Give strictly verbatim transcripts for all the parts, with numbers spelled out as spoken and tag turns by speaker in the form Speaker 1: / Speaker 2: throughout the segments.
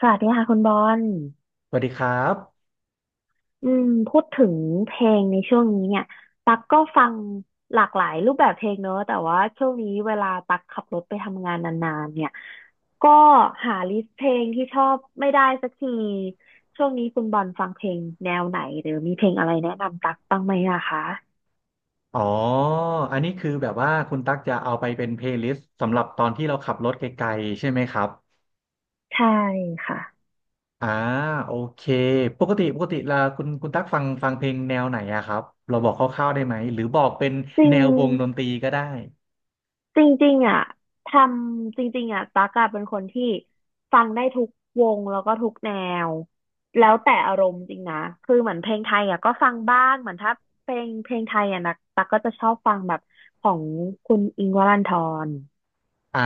Speaker 1: สวัสดีค่ะคุณบอล
Speaker 2: สวัสดีครับ
Speaker 1: อืมพูดถึงเพลงในช่วงนี้เนี่ยตักก็ฟังหลากหลายรูปแบบเพลงเนอะ แต่ว่าช่วงนี้เวลาตักขับรถไปทำงานนานๆเนี่ย ก็หาลิสต์เพลงที่ชอบไม่ได้สักที ช่วงนี้คุณบอลฟังเพลงแนวไหนหรือมีเพลงอะไรแนะนำตักบ้างไหมนะคะ
Speaker 2: อ๋ออันนี้คือแบบว่าคุณตั๊กจะเอาไปเป็นเพลย์ลิสต์สำหรับตอนที่เราขับรถไกลๆใช่ไหมครับ
Speaker 1: ใช่ค่ะ
Speaker 2: อ่าโอเคปกติปกติละคุณคุณตั๊กฟังฟังเพลงแนวไหนอะครับ เราบอกคร่าวๆได้ไหมหรือบอกเป็น
Speaker 1: จริ
Speaker 2: แนววงดนต
Speaker 1: ง
Speaker 2: รีก็ได้
Speaker 1: จริงๆอ่ะทำจริงๆอ่ะตั๊กอะเป็นคนที่ฟังได้ทุกวงแล้วก็ทุกแนวแล้วแต่อารมณ์จริงนะคือเหมือนเพลงไทยอ่ะก็ฟังบ้างเหมือนถ้าเพลงเพลงไทยอ่ะนะตั๊กก็จะชอบฟังแบบของคุณอิงค์วรันธร
Speaker 2: อ่า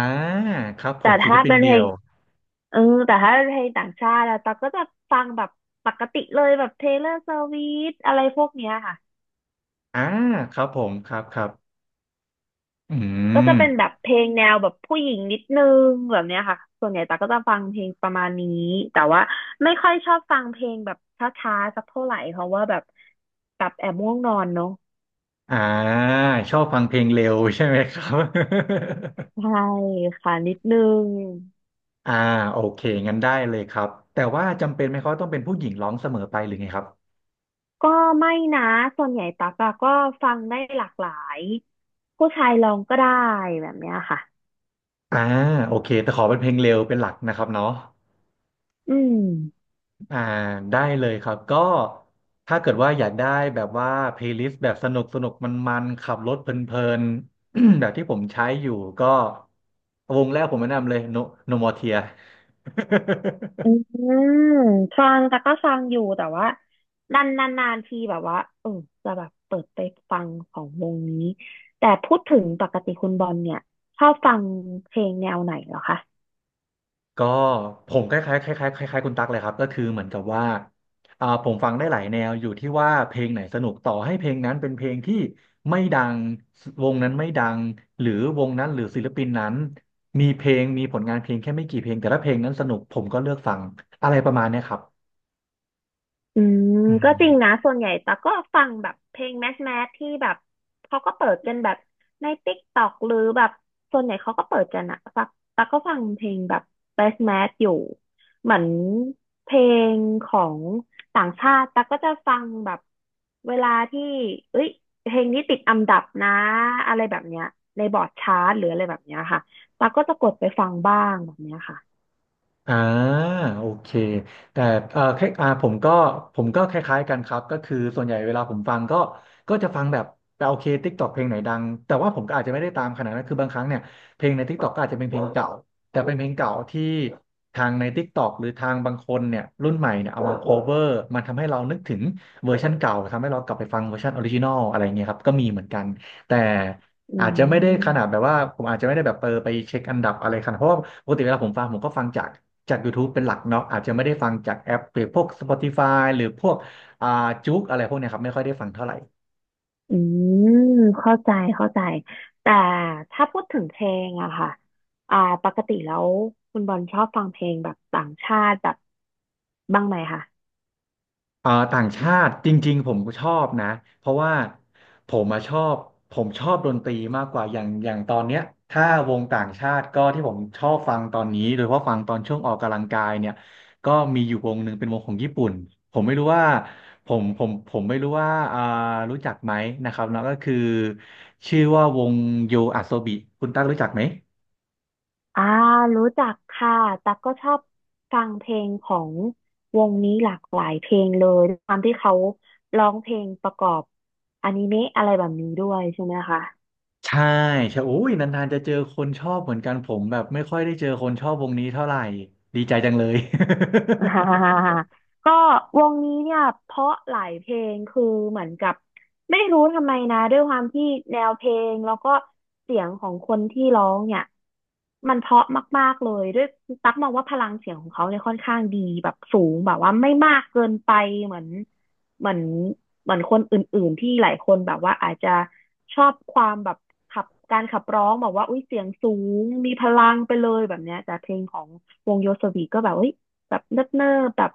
Speaker 2: ครับผ
Speaker 1: แต่
Speaker 2: มศิล
Speaker 1: ถ้า
Speaker 2: ปิน
Speaker 1: เป็นเพ
Speaker 2: เดี
Speaker 1: ล
Speaker 2: ย
Speaker 1: ง
Speaker 2: ว
Speaker 1: เออแต่ถ้าเป็นเพลงต่างชาติอะตั๊กก็จะฟังแบบปกติเลยแบบ Taylor Swift อะไรพวกเนี้ยค่ะ
Speaker 2: อ่าครับผมครับครับอื
Speaker 1: ก็จะเป็นแบ
Speaker 2: ม
Speaker 1: บเพลงแนวแบบผู้หญิงนิดนึงแบบเนี้ยค่ะ ส่วนใหญ่ตาก็จะฟังเพลงประมาณนี้แต่ว่าไม่ค่อยชอบฟังเพลงแบบช้าๆสักเท่าไหร่เพราะว่าแบบแบบแอบง่วงนอนเนาะ
Speaker 2: อ่าชอบฟังเพลงเร็วใช่ไหมครับ
Speaker 1: ใช่ค่ะนิดนึง
Speaker 2: อ่าโอเคงั้นได้เลยครับแต่ว่าจำเป็นไหมเขาต้องเป็นผู้หญิงร้องเสมอไปหรือไงครับ
Speaker 1: ก็ไม่นะส่วนใหญ่ตักอะก็ฟังได้หลากหลายผู้ชายลองก็ได้แบบเนี้ยค่ะ
Speaker 2: อ่าโอเคแต่ขอเป็นเพลงเร็วเป็นหลักนะครับเนาะ
Speaker 1: อืม
Speaker 2: อ่าได้เลยครับก็ถ้าเกิดว่าอยากได้แบบว่าเพลย์ลิสต์แบบสนุกสนุกมันมันๆขับรถเพลินๆ แบบที่ผมใช้อยู่ก็วงแรกผมแนะนำเลย No No More Tears
Speaker 1: อื มฟังแต่ก็ฟังอยู่แต่ว่านานนานนานทีแบบว่าเออจะแบบเปิดไปฟังของวงนี้แต่พูดถึงปกติคุณบอลเนี่ยชอบฟังเพลงแนวไหนเหรอคะ
Speaker 2: ก็ผมคล้ายๆคล้ายๆคล้ายๆคุณตั๊กเลยครับก็คือเหมือนกับว่าอ่าผมฟังได้หลายแนวอยู่ที่ว่าเพลงไหนสนุกต่อให้เพลงนั้นเป็นเพลงที่ไม่ดังวงนั้นไม่ดังหรือวงนั้นหรือศิลปินนั้นมีเพลงมีผลงานเพลงแค่ไม่กี่เพลงแต่ถ้าเพลงนั้นสนุกผมก็เลือกฟังอะไรประมาณเนี้ยครับ
Speaker 1: อืมก็จริงนะส่วนใหญ่แต่กก็ฟังแบบเพลงแมสแมสที่แบบเขาก็เปิดกันแบบในติ๊กต็อกหรือแบบส่วนใหญ่เขาก็เปิดกันอะฟังแต่กก็ฟังเพลงแบบแมสแมสอยู่เหมือนเพลงของต่างชาติแต่กก็จะฟังแบบเวลาที่เอ้ยเพลงนี้ติดอันดับนะอะไรแบบเนี้ยในบอร์ดชาร์ตหรืออะไรแบบเนี้ยค่ะแต่กก็จะกดไปฟังบ้างแบบเนี้ยค่ะ
Speaker 2: อ่าโอเคแต่เอ่อแค่อ่าผมก็ผมก็คล้ายๆกันครับก็คือส่วนใหญ่เวลาผมฟังก็ก็จะฟังแบบแต่โอเคทิกตอกเพลงไหนดังแต่ว่าผมก็อาจจะไม่ได้ตามขนาดนั้นคือบางครั้งเนี่ยเพลงในทิกตอกก็อาจจะเป็นเพลงเก่าแต่เป็นเพลงเก่าที่ทางในทิกตอกหรือทางบางคนเนี่ยรุ่นใหม่เนี่ยเอามาโคเวอร์มันทำให้เรานึกถึงเวอร์ชันเก่าทำให้เรากลับไปฟังเวอร์ชันออริจินอลอะไรเงี้ยครับก็มีเหมือนกันแต่
Speaker 1: อื
Speaker 2: อาจจะไม่ได้ขนาดแบ
Speaker 1: ม
Speaker 2: บว่าผมอาจจะไม่ได้แบบเปอร์ไปเช็คอันดับอะไรขนาดเพราะว่าปกติเวลาผมฟังผมก็ฟังจาก จาก YouTube เป็นหลักเนาะอาจจะไม่ได้ฟังจากแอปหรือพวก สปอติฟาย หรือพวกอ่าจุกอะไรพวกเนี้ยครับไม่ค่อยได้ฟังเท่าไหร่
Speaker 1: อืมเข้าใจเข้าใจแต่ถ้าพูดถึงเพลงอะค่ะอ่าปกติแล้วคุณบอลชอบฟังเพลงแบบต่างชาติแบบบ้างไหมคะ
Speaker 2: อ่าต่างชาติจริงๆผมก็ชอบนะเพราะว่าผมมาชอบผมชอบดนตรีมากกว่าอย่างอย่างตอนเนี้ยถ้าวงต่างชาติก็ที่ผมชอบฟังตอนนี้โดยเฉพาะฟังตอนช่วงออกกำลังกายเนี่ยก็มีอยู่วงหนึ่งเป็นวงของญี่ปุ่นผมไม่รู้ว่าผมผมผมไม่รู้ว่าอ่ารู้จักไหมนะครับแล้วก็คือชื่อว่าวงโยอาโซบิคุณตั๊กรู้จักไหม
Speaker 1: อ่ารู้จักค่ะตั๊กก็ชอบฟังเพลงของวงนี้หลากหลายเพลงเลยด้วยความที่เขาร้องเพลงประกอบอนิเมะอะไรแบบนี้ด้วยใช่ไหมคะ
Speaker 2: ใช่ใช่โอ้ยนานๆจะเจอคนชอบเหมือนกันผมแบบไม่ค่อยได้เจอคนชอบวงนี้เท่าไหร่ดีใจจังเลย
Speaker 1: ฮ่าก็วงนี้เนี่ยเพราะหลายเพลงคือเหมือนกับไม่รู้ทำไมนะด้วยความที่แนวเพลงแล้วก็เสียงของคนที่ร้องเนี่ยมันเพราะมากๆเลยด้วยตั๊กมองว่าพลังเสียงของเขาเนี่ยค่อนข้างดีแบบสูงแบบว่าไม่มากเกินไปเหมือนเหมือนเหมือนคนอื่นๆที่หลายคนแบบว่าอาจจะชอบความแบบขับการขับร้องแบบว่าอุ้ยเสียงสูงมีพลังไปเลยแบบเนี้ยแต่เพลงของวงโยสวีก็แบบเอ้ย แบบเนิบเนิแบบ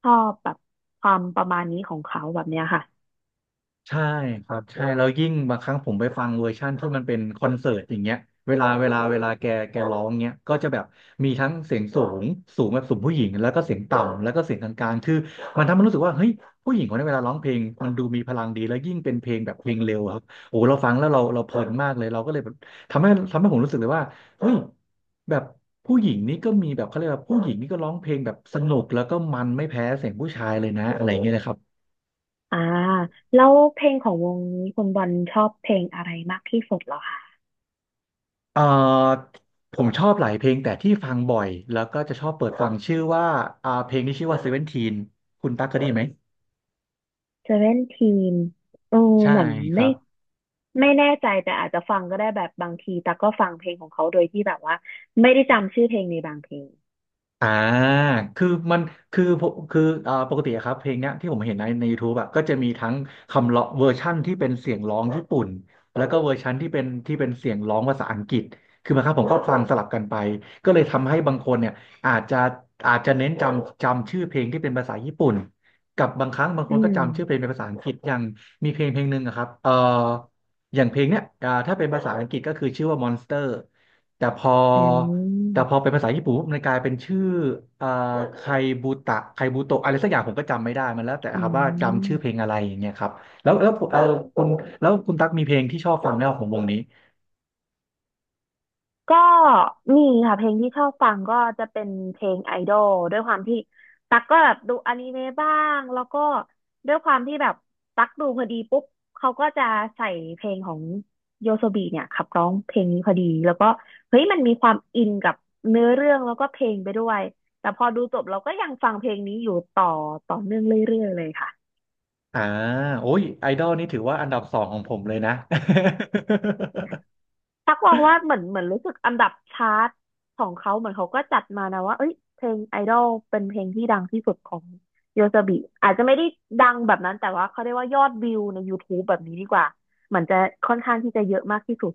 Speaker 1: ชอบแบบความประมาณนี้ของเขาแบบเนี้ยค่ะ
Speaker 2: ใช่ครับใช่แล้วยิ่งบางครั้งผมไปฟังเวอร์ชั่นที่มันเป็นคอนเสิร์ตอย่างเงี้ยเวลาเวลาเวลาแกแกร้องเงี้ยก็จะแบบมีทั้งเสียงสูงสูงแบบสูงผู้หญิงแล้วก็เสียงต่ำแล้วก็เสียงกลางๆคือมันทำให้รู้สึกว่าเฮ้ยผู้หญิงคนนี้เวลาร้องเพลงมันดูมีพลังดีแล้วยิ่งเป็นเพลงแบบเพลงเร็วอะครับโอ้เราฟังแล้วเราเราเพลินมากเลยเราก็เลยแบบทำให้ทำให้ผมรู้สึกเลยว่าเฮ้ยแบบผู้หญิงนี่ก็มีแบบเขาเรียกว่าผู้หญิงนี่ก็ร้องเพลงแบบสนุกแล้วก็มันไม่แพ้เสียงผู้ชายเลยนะอะไรอย่างเงี้ยนะครับ
Speaker 1: อ่าแล้วเพลงของวงนี้คุณบอลชอบเพลงอะไรมากที่สุดเหรอคะ
Speaker 2: เอ่อผมชอบหลายเพลงแต่ที่ฟังบ่อยแล้วก็จะชอบเปิดฟังชื่อว่าอ่าเพลงที่ชื่อว่าเซเวนทีนคุณตั๊กเคยได้ยินไหม
Speaker 1: เซเว่นทีนเออ
Speaker 2: ใช่
Speaker 1: เหมือน
Speaker 2: ครั
Speaker 1: ไม่
Speaker 2: บ
Speaker 1: ไม่แน่ใจแต่อาจจะฟังก็ได้แบบบางทีแต่กก็ฟังเพลงของเขาโดยที่แบบว่าไม่ได้จำชื่อเพลงในบางเพลง
Speaker 2: อ่าคือมันคือผมคือเอ่อปกติอะครับเพลงเนี้ยที่ผมเห็นในใน YouTube อะก็จะมีทั้งคำร้องเวอร์ชั่นที่เป็นเสียงร้องญี่ปุ่นแล้วก็เวอร์ชันที่เป็นที่เป็นเสียงร้องภาษาอังกฤษคือบางครั้งผมก็ฟังสลับกันไปก็เลยทำให้บางคนเนี่ยอาจจะอาจจะเน้นจำจำชื่อเพลงที่เป็นภาษาญี่ปุ่นกับบางครั้งบางค
Speaker 1: อื
Speaker 2: นก็
Speaker 1: ม
Speaker 2: จำชื่อเพลงเป็นภาษาอังกฤษอย่างมีเพลงเพลงหนึ่งอะครับเอ่ออย่างเพลงเนี้ยอ่าถ้าเป็นภาษาอังกฤษก็คือชื่อว่า มอนสเตอร์ แต่พอ
Speaker 1: อื
Speaker 2: แต่พอ
Speaker 1: ม
Speaker 2: เป็นภาษาญี่ปุ่นปุ๊บมันกลายเป็นชื่อเอ่อไคบูตะไคบูโตะอะไรสักอย่างผมก็จำไม่ได้มันแล้วแต่
Speaker 1: อื
Speaker 2: ครับว่าจำชื่อเพลง
Speaker 1: ม
Speaker 2: อะไรอย่างเงี้ยครับ แล้วแล้วเออคุณแล้วคุณตั๊กมีเพลงที่ชอบฟังไหมครับของวงนี้
Speaker 1: ก็มีค่ะเพลงที่ชอบฟังก็จะเป็นเพลงไอดอลด้วยความที่ตั๊กก็แบบดูอนิเมะบ้างแล้วก็ด้วยความที่แบบตั๊กดูพอดีปุ๊บเขาก็จะใส่เพลงของโยโซบีเนี่ยขับร้องเพลงนี้พอดีแล้วก็เฮ้ยมันมีความอินกับเนื้อเรื่องแล้วก็เพลงไปด้วยแต่พอดูจบเราก็ยังฟังเพลงนี้อยู่ต่อต่อเนื่องเรื่อยๆเลยค่ะ
Speaker 2: อ่าโอ้ยไอดอลนี่ถือว่าอันดับสองของผมเลยนะ
Speaker 1: ทักมองว่าเหมือนเหมือนรู้สึกอันดับชาร์ตของเขาเหมือนเขาก็จัดมานะว่าเอ้ยเพลงไอดอลเป็นเพลงที่ดังที่สุดของโยซาบิอาจจะไม่ได้ดังแบบนั้นแต่ว่าเขาเรียกว่ายอดวิวใน YouTube แบบนี้ดีกว่าเหมือนจะค่อนข้างที่จะเยอะมากที่สุด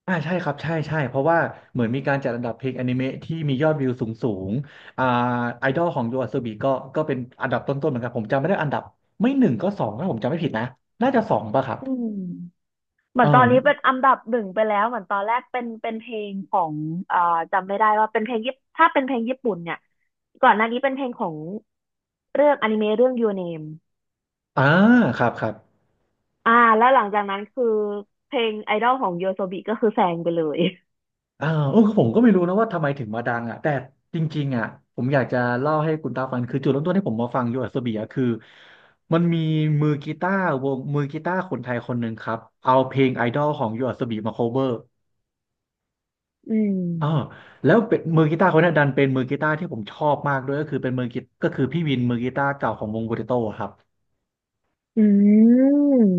Speaker 2: อ่าใช่ครับ ใช่ใช่เพราะว่าเหมือนมีการจัดอันดับเพลงอนิเมะที่มียอดวิวสูงสูงอ่าไอดอลของยูอาโซบิก็ก็เป็นอันดับต้นๆเหมือนกันผมจำไม่ได้อันดับไม่หนึ่งก็สองถ้าผมจำไม่ผิดนะน่าจะสองป่ะครับ
Speaker 1: อืมเหมื
Speaker 2: เอ
Speaker 1: อ
Speaker 2: อ
Speaker 1: นตอนนี้เป็นอันดับหนึ่งไปแล้วเหมือนตอนแรกเป็นเป็นเพลงของเอ่อจำไม่ได้ว่าเป็นเพลงญี่ปุ่นถ้าเป็นเพลงญี่ปุ่นเนี่ยก่อนหน้านี้เป็นเพลงของเรื่องอนิเมะเรื่อง Your Name
Speaker 2: อ่าครับครับ
Speaker 1: อ่าแล้วหลังจากนั้นคือเพลงไอดอลของโยโซบิก็คือแซงไปเลย
Speaker 2: อ่าโอ้ผมก็ไม่รู้นะว่าทำไมถึงมาดังอ่ะแต่จริงๆอ่ะผมอยากจะเล่าให้คุณตาฟังคือจุดเริ่มต้นที่ผมมาฟังโยอาโซบียคือ มันมีมือกีตาร์วงมือกีตาร์คนไทยคนหนึ่งครับ เอาเพลงไอดอลของโยอาโซบยมาโคเวอร์
Speaker 1: อืม
Speaker 2: อ่าแล้วเป็นมือกีตาร์คนนั้นดันเป็นมือกีตาร์ที่ผมชอบมากด้วยก็คือเป็นมือกีก็คือพี่วินมือกีตาร์เก่าของวงโปเตโต้ครับ
Speaker 1: อื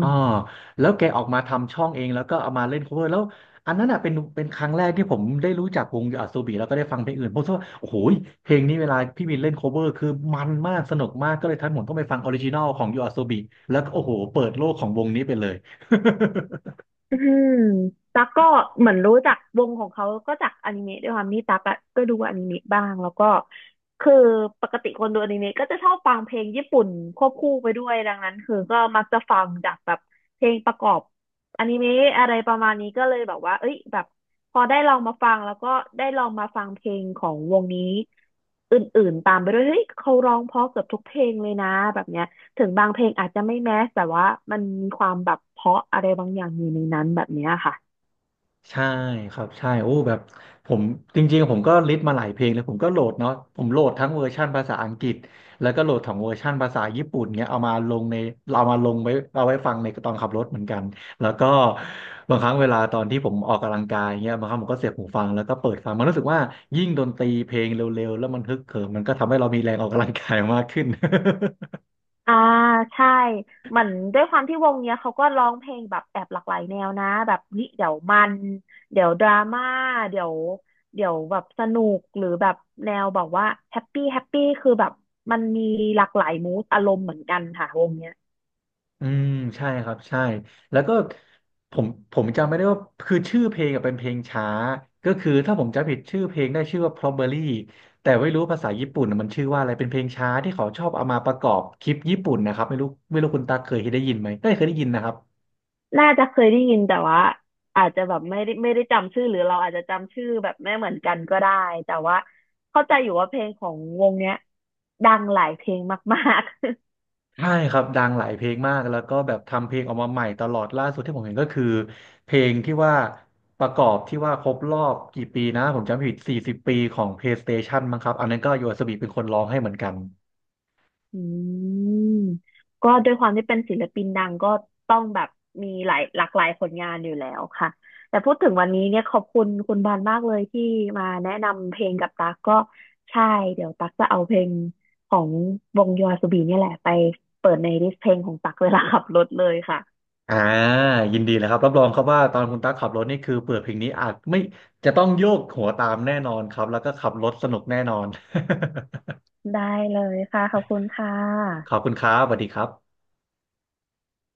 Speaker 2: อ่าแล้วแกออกมาทำช่องเองแล้วก็เอามาเล่น cover แล้วอันนั้นอ่ะเป็นเป็นครั้งแรกที่ผมได้รู้จักวงอ s โ b บิแล้วก็ได้ฟังเพลงอื่นผมคิดว่าโอ้โหเพลงนี้เวลาพี่บินเล่น cover คือมันมากสนุกมากก็เลยทันผมต้องไปฟังออริจินอลของยูอาโซบิแล้วก็โอ้โหเปิดโลกของวงนี้ไปเลย
Speaker 1: อืมตั๊กก็เหมือนรู้จักวงของเขาก็จากอนิเมะด้วยความที่ตั๊กอะก็ดูอนิเมะบ้างแล้วก็คือปกติคนดูอนิเมะก็จะชอบฟังเพลงญี่ปุ่นควบคู่ไปด้วยดังนั้นคือก็มักจะฟังจากแบบเพลงประกอบอนิเมะอะไรประมาณนี้ก็เลยแบบว่าเอ้ยแบบพอได้ลองมาฟังแล้วก็ได้ลองมาฟังเพลงของวงนี้อื่นๆตามไปด้วยเฮ้ยเขาร้องเพราะเกือบทุกเพลงเลยนะแบบเนี้ย ถึงบางเพลงอาจจะไม่แมสแต่ว่ามันมีความแบบเพราะอะไรบางอย่างอยู่ในนั้นแบบเนี้ยค่ะ
Speaker 2: ใช่ครับใช่โอ้แบบผมจริงๆผมก็ลิสต์มาหลายเพลงเลยผมก็โหลดเนาะผมโหลดทั้งเวอร์ชั่นภาษาอังกฤษแล้วก็โหลดของเวอร์ชั่นภาษาญี่ปุ่นเงี้ยเอามาลงในเรามาลงไว้เอาไว้ฟังในตอนขับรถเหมือนกันแล้วก็บางครั้งเวลาตอนที่ผมออกกำลังกายเงี้ยบางครั้งผมก็เสียบหูฟังแล้วก็เปิดฟังมันรู้สึกว่ายิ่งดนตรีเพลงเร็วๆแล้วมันฮึกเหิมมันก็ทำให้เรามีแรงออกกำลังกายมากขึ้น
Speaker 1: อ่าใช่เหมือนด้วยความที่วงเนี้ยเขาก็ร้องเพลงแบบแอบหลากหลายแนวนะแบบเฮ้ยเดี๋ยวมันเดี๋ยวดราม่าเดี๋ยวเดี๋ยวแบบสนุกหรือแบบแนวแบบว่าแฮปปี้แฮปปี้คือแบบมันมีหลากหลายมูดอารมณ์เหมือนกันค่ะวงเนี้ย
Speaker 2: อืมใช่ครับใช่แล้วก็ผมผมจำไม่ได้ว่าคือชื่อเพลงอะเป็นเพลงช้าก็คือถ้าผมจำผิดชื่อเพลงได้ชื่อว่า Probably แต่ไม่รู้ภาษาญี่ปุ่นอะมันชื่อว่าอะไรเป็นเพลงช้าที่เขาชอบเอามาประกอบคลิปญี่ปุ่นนะครับไม่รู้ไม่รู้คุณตาเคยได้ยินไหมได้เคยได้ยินนะครับ
Speaker 1: น่าจะเคยได้ยินแต่ว่าอาจจะแบบไม่ได้ไม่ได้จำชื่อหรือเราอาจจะจำชื่อแบบไม่เหมือนกันก็ได้แต่ว่าเข้าใจอยู่ว่าเพลงของวงเนี้ยดังหลายเพลงมากๆ
Speaker 2: ใช่ครับดังหลายเพลงมากแล้วก็แบบทำเพลงออกมาใหม่ตลอดล่าสุดที่ผมเห็นก็คือเพลงที่ว่าประกอบที่ว่าครบรอบกี่ปีนะผมจำผิดสี่สิบปีของ PlayStation มั้งครับอันนั้นก็โยอาสบิเป็นคนร้องให้เหมือนกัน
Speaker 1: อืมก็ด้วยความที่เป็นศิลปินดังก็ต้องแบบมีหลายหลากหลายผลงานอยู่แล้วค่ะแต่พูดถึงวันนี้เนี่ยขอบคุณคุณบานมากเลยที่มาแนะนำเพลงกับตั๊กก็ใช่เดี๋ยวตั๊กจะเอาเพลงของวงยอ s ูบีเนี่ยแหละไปเปิดในลิสต์เพลงของตั๊กเวลาขับรถเลยค่ะ
Speaker 2: อ่ายินดีเลยครับ รับรองครับว่าตอนคุณตั๊กขับรถนี่คือเปิดเพลงนี้อาจไม่จะต้องโยกหัวตามแน่นอนครับ แล้วก็ขับรถสนุกแน่นอน
Speaker 1: ได้เลยค่ะขอบคุณค่
Speaker 2: ขอบ
Speaker 1: ะ
Speaker 2: คุณครับสวัสดีครับ